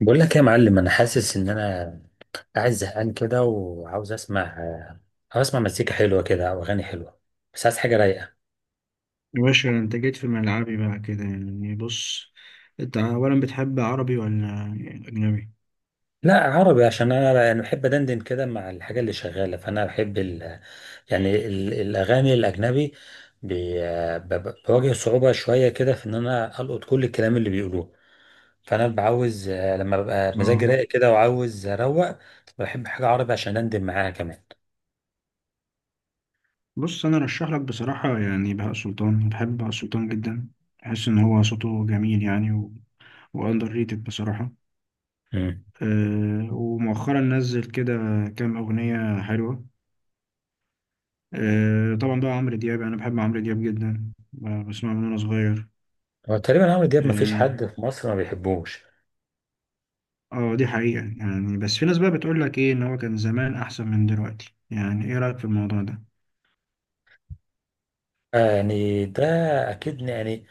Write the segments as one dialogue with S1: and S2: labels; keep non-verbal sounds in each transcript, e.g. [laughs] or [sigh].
S1: بقول لك إيه يا معلم، انا حاسس ان انا قاعد زهقان كده وعاوز اسمع، عاوز اسمع مزيكا حلوه كده او اغاني حلوه، بس عايز حاجه رايقه.
S2: يا باشا، انت جيت في ملعبي بقى كده، يعني بص. انت اولا بتحب عربي ولا اجنبي؟
S1: لا، عربي، عشان انا يعني بحب ادندن كده مع الحاجه اللي شغاله. فانا بحب الاغاني الاجنبي، بي... بواجه صعوبه شويه كده في ان انا القط كل الكلام اللي بيقولوه. فانا بعوز لما ببقى مزاجي
S2: اه
S1: رايق كده وعاوز اروق بحب حاجه عربي عشان اندم معاها كمان.
S2: بص، انا ارشح لك بصراحه. يعني بهاء سلطان، بحب بهاء سلطان جدا. بحس ان هو صوته جميل يعني واندر ريتد بصراحه.
S1: امم.
S2: أه، ومؤخرا نزل كده كام اغنيه حلوه. أه طبعا، بقى عمرو دياب انا بحب عمرو دياب جدا، بسمعه من وانا صغير.
S1: هو تقريبا عمرو دياب مفيش
S2: اه،
S1: حد في مصر ما بيحبوش.
S2: دي حقيقه يعني. بس في ناس بقى بتقول لك ايه، ان هو كان زمان احسن من دلوقتي. يعني ايه رايك في الموضوع ده؟
S1: يعني ده اكيد يعني.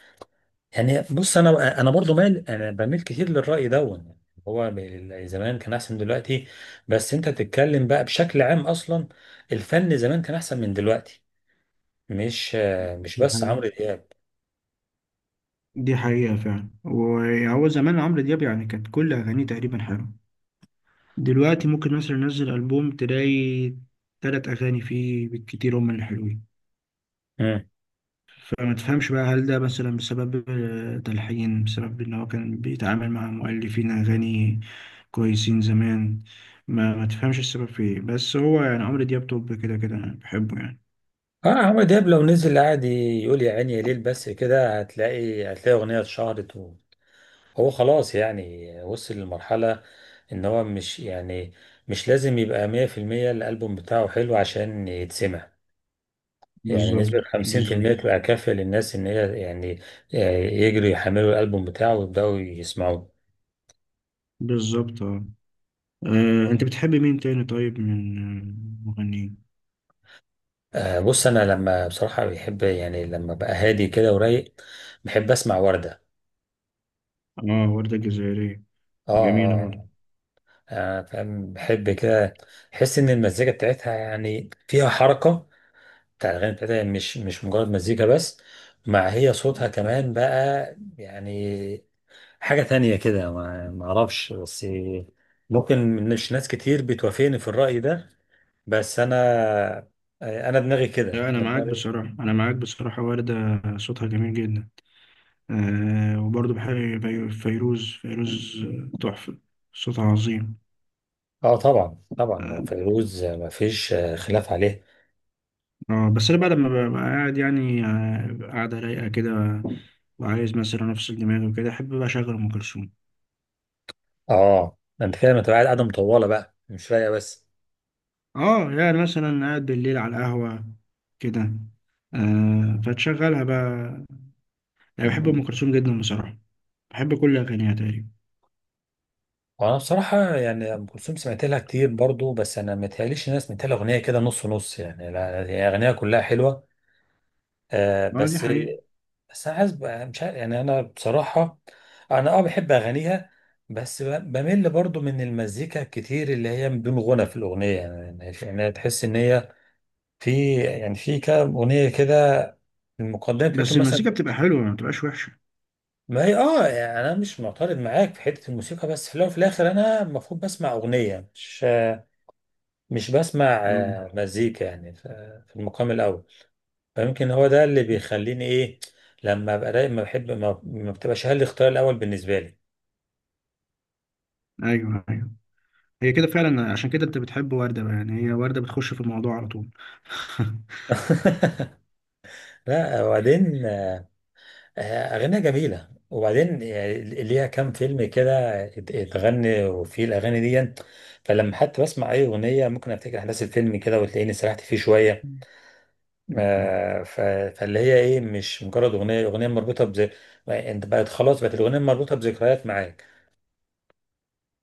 S1: يعني بص، انا برضو مال، انا بميل كتير للراي ده. هو زمان كان احسن من دلوقتي، بس انت بتتكلم بقى بشكل عام اصلا الفن زمان كان احسن من دلوقتي، مش مش
S2: دي
S1: بس عمرو
S2: حقيقة،
S1: دياب.
S2: دي حقيقة فعلا. وهو زمان عمرو دياب يعني كانت كل أغانيه تقريبا حلوة. دلوقتي ممكن مثلا ينزل ألبوم تلاقي تلات أغاني فيه بالكتير هما اللي حلوين.
S1: امم.
S2: فما تفهمش بقى، هل ده مثلا بسبب تلحين، بسبب إن هو كان بيتعامل مع مؤلفين أغاني كويسين زمان. ما تفهمش السبب في إيه. بس هو يعني عمرو دياب توب كده كده، أنا بحبه يعني.
S1: اه عمرو دياب لو نزل قاعد يقول يا عيني يا ليل بس كده، هتلاقي اغنيه اتشهرت. وهو خلاص يعني وصل لمرحله ان هو مش لازم يبقى 100% الالبوم بتاعه حلو عشان يتسمع. يعني
S2: بالظبط،
S1: نسبة
S2: بالظبط،
S1: 50% تبقى كافية للناس إن هي يعني يجروا يحملوا الألبوم بتاعه ويبدأوا يسمعوه.
S2: بالظبط. اه. أنت بتحب مين تاني؟ طيب من مغنيين؟
S1: بص أنا لما بصراحة بحب يعني لما بقى هادي كده ورايق بحب أسمع وردة.
S2: اه، وردة جزائرية.
S1: آه،
S2: جميلة برضه.
S1: آه، آه، آه، فاهم بحب كده. أحس إن المزيكا بتاعتها يعني فيها حركة. بتاع الأغاني بتاعتها يعني مش مجرد مزيكا بس، مع هي صوتها كمان بقى يعني. حاجة تانية كده، ما أعرفش بس ممكن مش ناس كتير بتوافقني في الرأي ده. بس انا، انا دماغي كده،
S2: لا، أنا
S1: انا
S2: معاك
S1: دماغي.
S2: بصراحة، أنا معاك بصراحة. وردة صوتها جميل جدا. آه، وبرضه بحب فيروز. فيروز تحفة، صوتها عظيم.
S1: اه طبعا طبعا،
S2: آه.
S1: فيروز ما فيش خلاف عليه.
S2: بس أنا بعد ما ببقى قاعد يعني قاعدة رايقة كده، وعايز مثلا أفصل دماغي وكده، أحب بقى أشغل أم كلثوم.
S1: اه ده انت كده ما تبقى قاعد قاعده مطوله بقى مش رايقه بس.
S2: اه، يعني مثلا قاعد بالليل على القهوة كده، فتشغلها بقى. يعني بحب أم كلثوم جدا بصراحة، بحب كل أغانيها تقريبا.
S1: وانا بصراحه يعني ام كلثوم سمعت لها كتير برضو. بس انا ما تهيأليش الناس سمعت لها اغنيه كده نص نص يعني، لا هي اغنيه كلها حلوه آه،
S2: اه، دي
S1: بس.
S2: حقيقة.
S1: بس انا عايز مش عارف يعني، انا بصراحه انا بحب اغانيها. بس بمل برضو من المزيكا كتير اللي هي بدون غنى في الاغنيه، يعني تحس ان هي في، يعني في كام اغنيه كده المقدمه بتاعتهم
S2: بس
S1: مثلا.
S2: المزيكا بتبقى حلوة، ما بتبقاش وحشة.
S1: ما هي، اه يعني انا مش معترض معاك في حته الموسيقى. بس في الاول وفي الاخر انا المفروض بسمع اغنيه، مش بسمع
S2: مم.
S1: مزيكا يعني، في المقام الاول. فيمكن هو ده اللي بيخليني ايه لما ابقى رايق ما بحب، ما بتبقاش هل الاختيار الاول بالنسبه لي.
S2: ايوه، ايوه، هي كده فعلا. عشان كده انت بتحب وردة بقى، يعني هي وردة بتخش في الموضوع على طول. [laughs]
S1: [laughs] لا وبعدين، آه، أغانيها جميلة. وبعدين يعني ليها كام فيلم كده اتغني وفيه الأغاني دي. فلما حتى بسمع أي أغنية ممكن أفتكر أحداث الفيلم كده وتلاقيني سرحت فيه شوية.
S2: مم.
S1: آه، ف- فاللي هي إيه مش مجرد أغنية، الأغنية مربوطة أنت بقت خلاص بقت الأغنية مربوطة بذكريات معاك.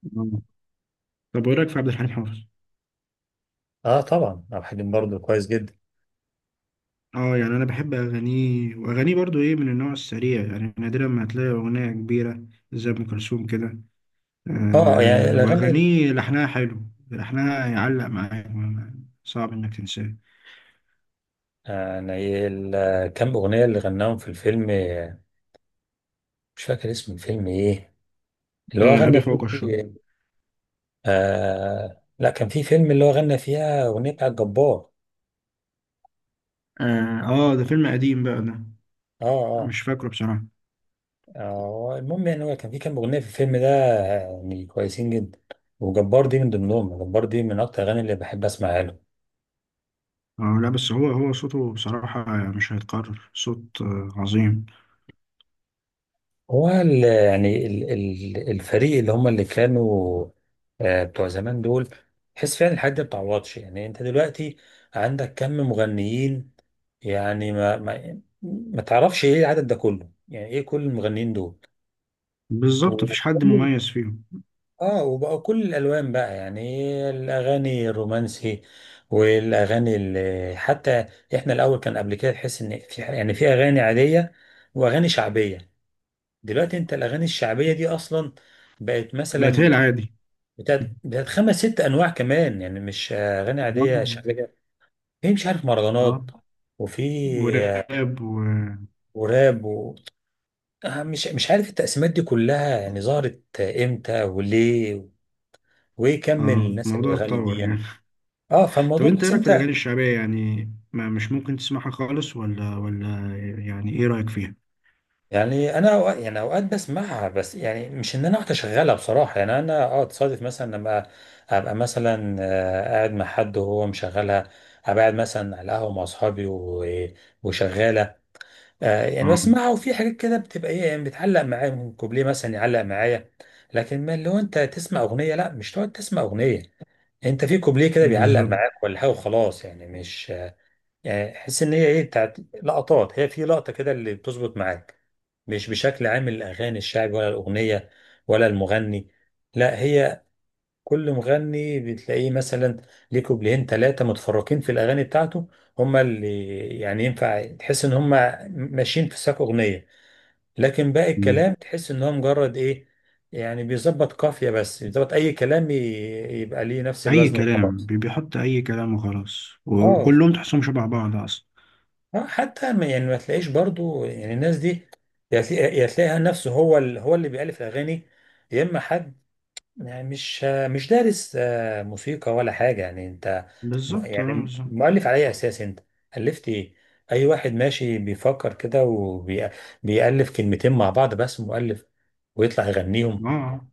S2: مم. طب وايه رايك في عبد الحليم حافظ؟
S1: أه طبعا عبد الحليم برضه كويس جدا.
S2: اه، يعني انا بحب اغانيه، واغانيه برضو ايه من النوع السريع. يعني نادرا ما هتلاقي اغنيه كبيره زي ام كلثوم كده.
S1: أه يعني
S2: آه،
S1: الأغاني،
S2: واغانيه لحنها حلو، لحنها يعلق معاك، صعب انك تنساه.
S1: يعني كام أغنية اللي غناهم في الفيلم، مش فاكر اسم الفيلم إيه اللي هو
S2: آه،
S1: غنى
S2: ابي فوق الشر.
S1: فيه. لا كان في فيلم اللي هو غنى فيها أغنية بتاعت جبار.
S2: اه، ده فيلم قديم بقى ده.
S1: اه، اه.
S2: مش فاكره بصراحه.
S1: المهم يعني هو كان في كام أغنية في الفيلم ده، يعني كويسين جدا. وجبار دي من ضمنهم. جبار دي من أكتر الأغاني اللي بحب أسمعها له.
S2: لا، بس هو صوته بصراحة مش هيتكرر. صوت عظيم.
S1: هو الفريق اللي هم اللي كانوا بتوع زمان دول. تحس فعلا الحاجات دي ما بتعوضش. يعني أنت دلوقتي عندك كم مغنيين، يعني ما تعرفش إيه العدد ده كله، يعني إيه كل المغنيين دول.
S2: بالظبط، مفيش حد مميز فيهم.
S1: اه وبقى كل الالوان بقى يعني، الاغاني الرومانسي، والاغاني اللي حتى احنا الاول كان قبل كده تحس ان في، يعني في اغاني عاديه واغاني شعبيه. دلوقتي انت الاغاني الشعبيه دي اصلا بقت
S2: بقت هي
S1: مثلا
S2: العادي.
S1: بتاعت خمس ست انواع كمان يعني، مش اغاني
S2: اه.
S1: عاديه شعبيه. في مش عارف
S2: آه،
S1: مهرجانات، وفي،
S2: وراب و...
S1: وراب مش عارف التقسيمات دي كلها يعني ظهرت امتى وليه، وايه كم
S2: اه،
S1: الناس اللي
S2: الموضوع
S1: بتغني دي
S2: اتطور
S1: يعني.
S2: يعني.
S1: اه
S2: [laughs] طب
S1: فالموضوع،
S2: انت ايه
S1: بس
S2: رايك في
S1: انت.
S2: الاغاني الشعبية يعني؟ ما مش ممكن تسمعها خالص ولا يعني؟ ايه رايك فيها؟
S1: يعني انا أوقات، يعني اوقات بسمعها بس يعني مش ان انا اقعد اشغلها بصراحه. يعني انا تصادف مثلا لما ابقى مثلا قاعد مع حد وهو مشغلها. ابقى قاعد مثلا على القهوه مع اصحابي وشغاله. يعني
S2: اه،
S1: بسمعها، وفي حاجات كده بتبقى ايه يعني بتعلق معايا، من كوبليه مثلا يعلق معايا. لكن ما اللي هو، انت تسمع اغنيه، لا مش تقعد تسمع اغنيه، انت في كوبليه كده بيعلق
S2: بالظبط.
S1: معاك ولا حاجه وخلاص يعني مش. يعني حس ان هي ايه بتاعت لقطات، هي في لقطه كده اللي بتظبط معاك. مش بشكل عام الأغاني الشعبي ولا الأغنية ولا المغني، لا هي كل مغني بتلاقيه مثلا ليه كوبليهين ثلاثة متفرقين في الأغاني بتاعته هما اللي، يعني ينفع تحس إن هما ماشيين في ساق أغنية. لكن باقي
S2: مم.
S1: الكلام تحس إن هو مجرد إيه، يعني بيظبط قافية بس بيظبط أي كلام يبقى ليه نفس
S2: اي
S1: الوزن
S2: كلام،
S1: وخلاص.
S2: بيحط اي كلام وخلاص،
S1: اه.
S2: وكلهم تحسهم شبه بعض اصلا.
S1: حتى يعني ما تلاقيش برضو يعني الناس دي يا تلاقيها نفسه هو هو اللي بيألف الأغاني، يا اما حد يعني مش دارس موسيقى ولا حاجة. يعني انت
S2: بالظبط. اه،
S1: يعني
S2: بالظبط.
S1: مؤلف على اي اساس انت الفت ايه؟ اي واحد ماشي بيفكر كده وبيألف كلمتين مع بعض بس مؤلف ويطلع يغنيهم.
S2: اه. آه.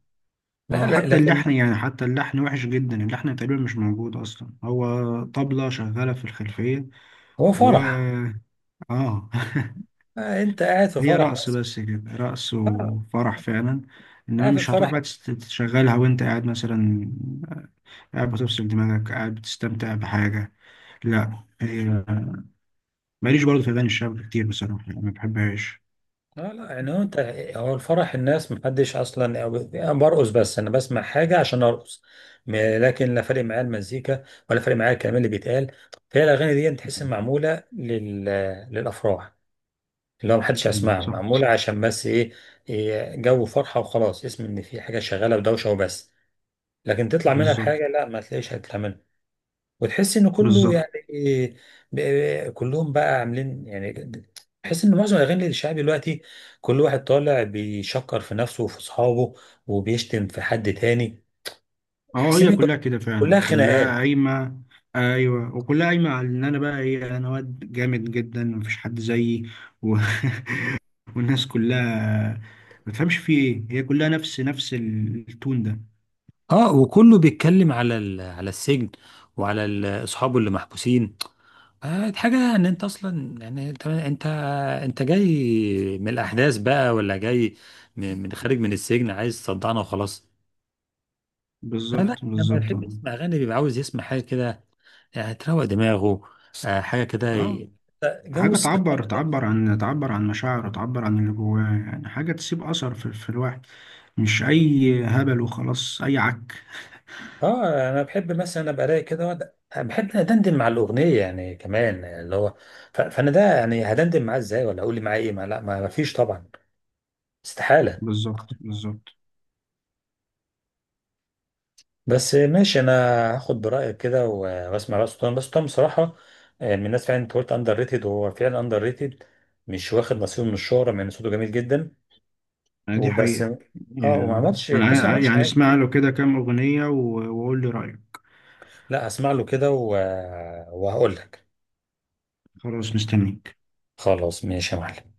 S1: لا،
S2: اه،
S1: لا،
S2: حتى
S1: لكن
S2: اللحن، يعني حتى اللحن وحش جدا. اللحن تقريبا مش موجود اصلا، هو طبلة شغالة في الخلفية
S1: هو
S2: و
S1: فرح.
S2: اه. [laughs]
S1: انت قاعد في
S2: هي
S1: فرح
S2: رقص
S1: بس.
S2: بس كده، رقص
S1: آه،
S2: وفرح فعلا. انما
S1: قاعد في
S2: مش هتروح
S1: الفرح.
S2: بقى تشغلها وانت قاعد مثلا. آه، قاعد بتفصل دماغك، قاعد بتستمتع بحاجة. لا، هي ماليش برضه في اغاني الشعب كتير بصراحة، يعني ما بحبهاش.
S1: لا، لا، يعني هو انت هو الفرح الناس محدش اصلا، أو انا برقص، بس انا بسمع حاجه عشان ارقص م- لكن لا فارق معايا المزيكا، ولا فارق معايا الكلام اللي بيتقال. فهي الاغاني دي تحس إن معموله للافراح، اللي هو محدش
S2: مم.
S1: هيسمعها،
S2: صح.
S1: معموله عشان بس ايه، إيه، جو فرحه وخلاص، اسم ان في حاجه شغاله ودوشه وبس. لكن تطلع منها
S2: بالظبط،
S1: بحاجه، لا ما تلاقيش هتتعمل. وتحس ان كله
S2: بالظبط.
S1: يعني كلهم بقى عاملين يعني، تحس ان معظم الاغاني الشعبي دلوقتي كل واحد طالع بيشكر في نفسه وفي اصحابه وبيشتم في حد تاني.
S2: اه،
S1: تحس
S2: هي
S1: ان
S2: كلها كده
S1: كلها
S2: فعلا، كلها
S1: خناقات.
S2: قايمة. ايوه، وكلها قايمة على ان انا بقى ايه، انا واد جامد جدا مفيش حد زيي و... [laughs] والناس كلها ما تفهمش في ايه، هي كلها نفس التون ده.
S1: اه وكله بيتكلم على على السجن، وعلى اصحابه اللي محبوسين. حاجه ان انت اصلا يعني، انت، انت جاي من الاحداث بقى، ولا جاي من خارج من السجن عايز تصدعنا وخلاص. لا، لا،
S2: بالظبط،
S1: لما
S2: بالظبط.
S1: بيحب يسمع اغاني بيبقى عاوز يسمع حاجه كده، يعني تروق دماغه. حاجه كده
S2: اه،
S1: جو
S2: حاجة
S1: السلطان ده.
S2: تعبر عن مشاعره، تعبر عن اللي جواه يعني. حاجة تسيب أثر في الواحد، مش أي هبل وخلاص، أي عك.
S1: اه انا بحب مثلا ابقى رايق كده بحب ادندن مع الاغنيه يعني كمان، اللي هو فانا ده يعني هدندن معاه ازاي ولا اقول لي معاه ايه، ما لا ما فيش طبعا، استحاله.
S2: بالظبط، بالظبط.
S1: بس ماشي، انا هاخد برايك كده واسمع بقى سلطان. بس سلطان بصراحه من الناس فعلا انت قلت اندر ريتد وهو فعلا اندر ريتد، مش واخد نصيبه من الشهره مع ان صوته جميل جدا.
S2: يعني دي
S1: وبس
S2: حقيقة.
S1: اه. وما
S2: يعني
S1: عملتش
S2: أنا
S1: تحس إنه ما عملتش
S2: يعني
S1: حاجه.
S2: اسمع له كده كام أغنية، وقول لي رأيك.
S1: لا هسمع له كده وهقول لك.
S2: خلاص، مستنيك.
S1: خلاص ماشي يا معلم.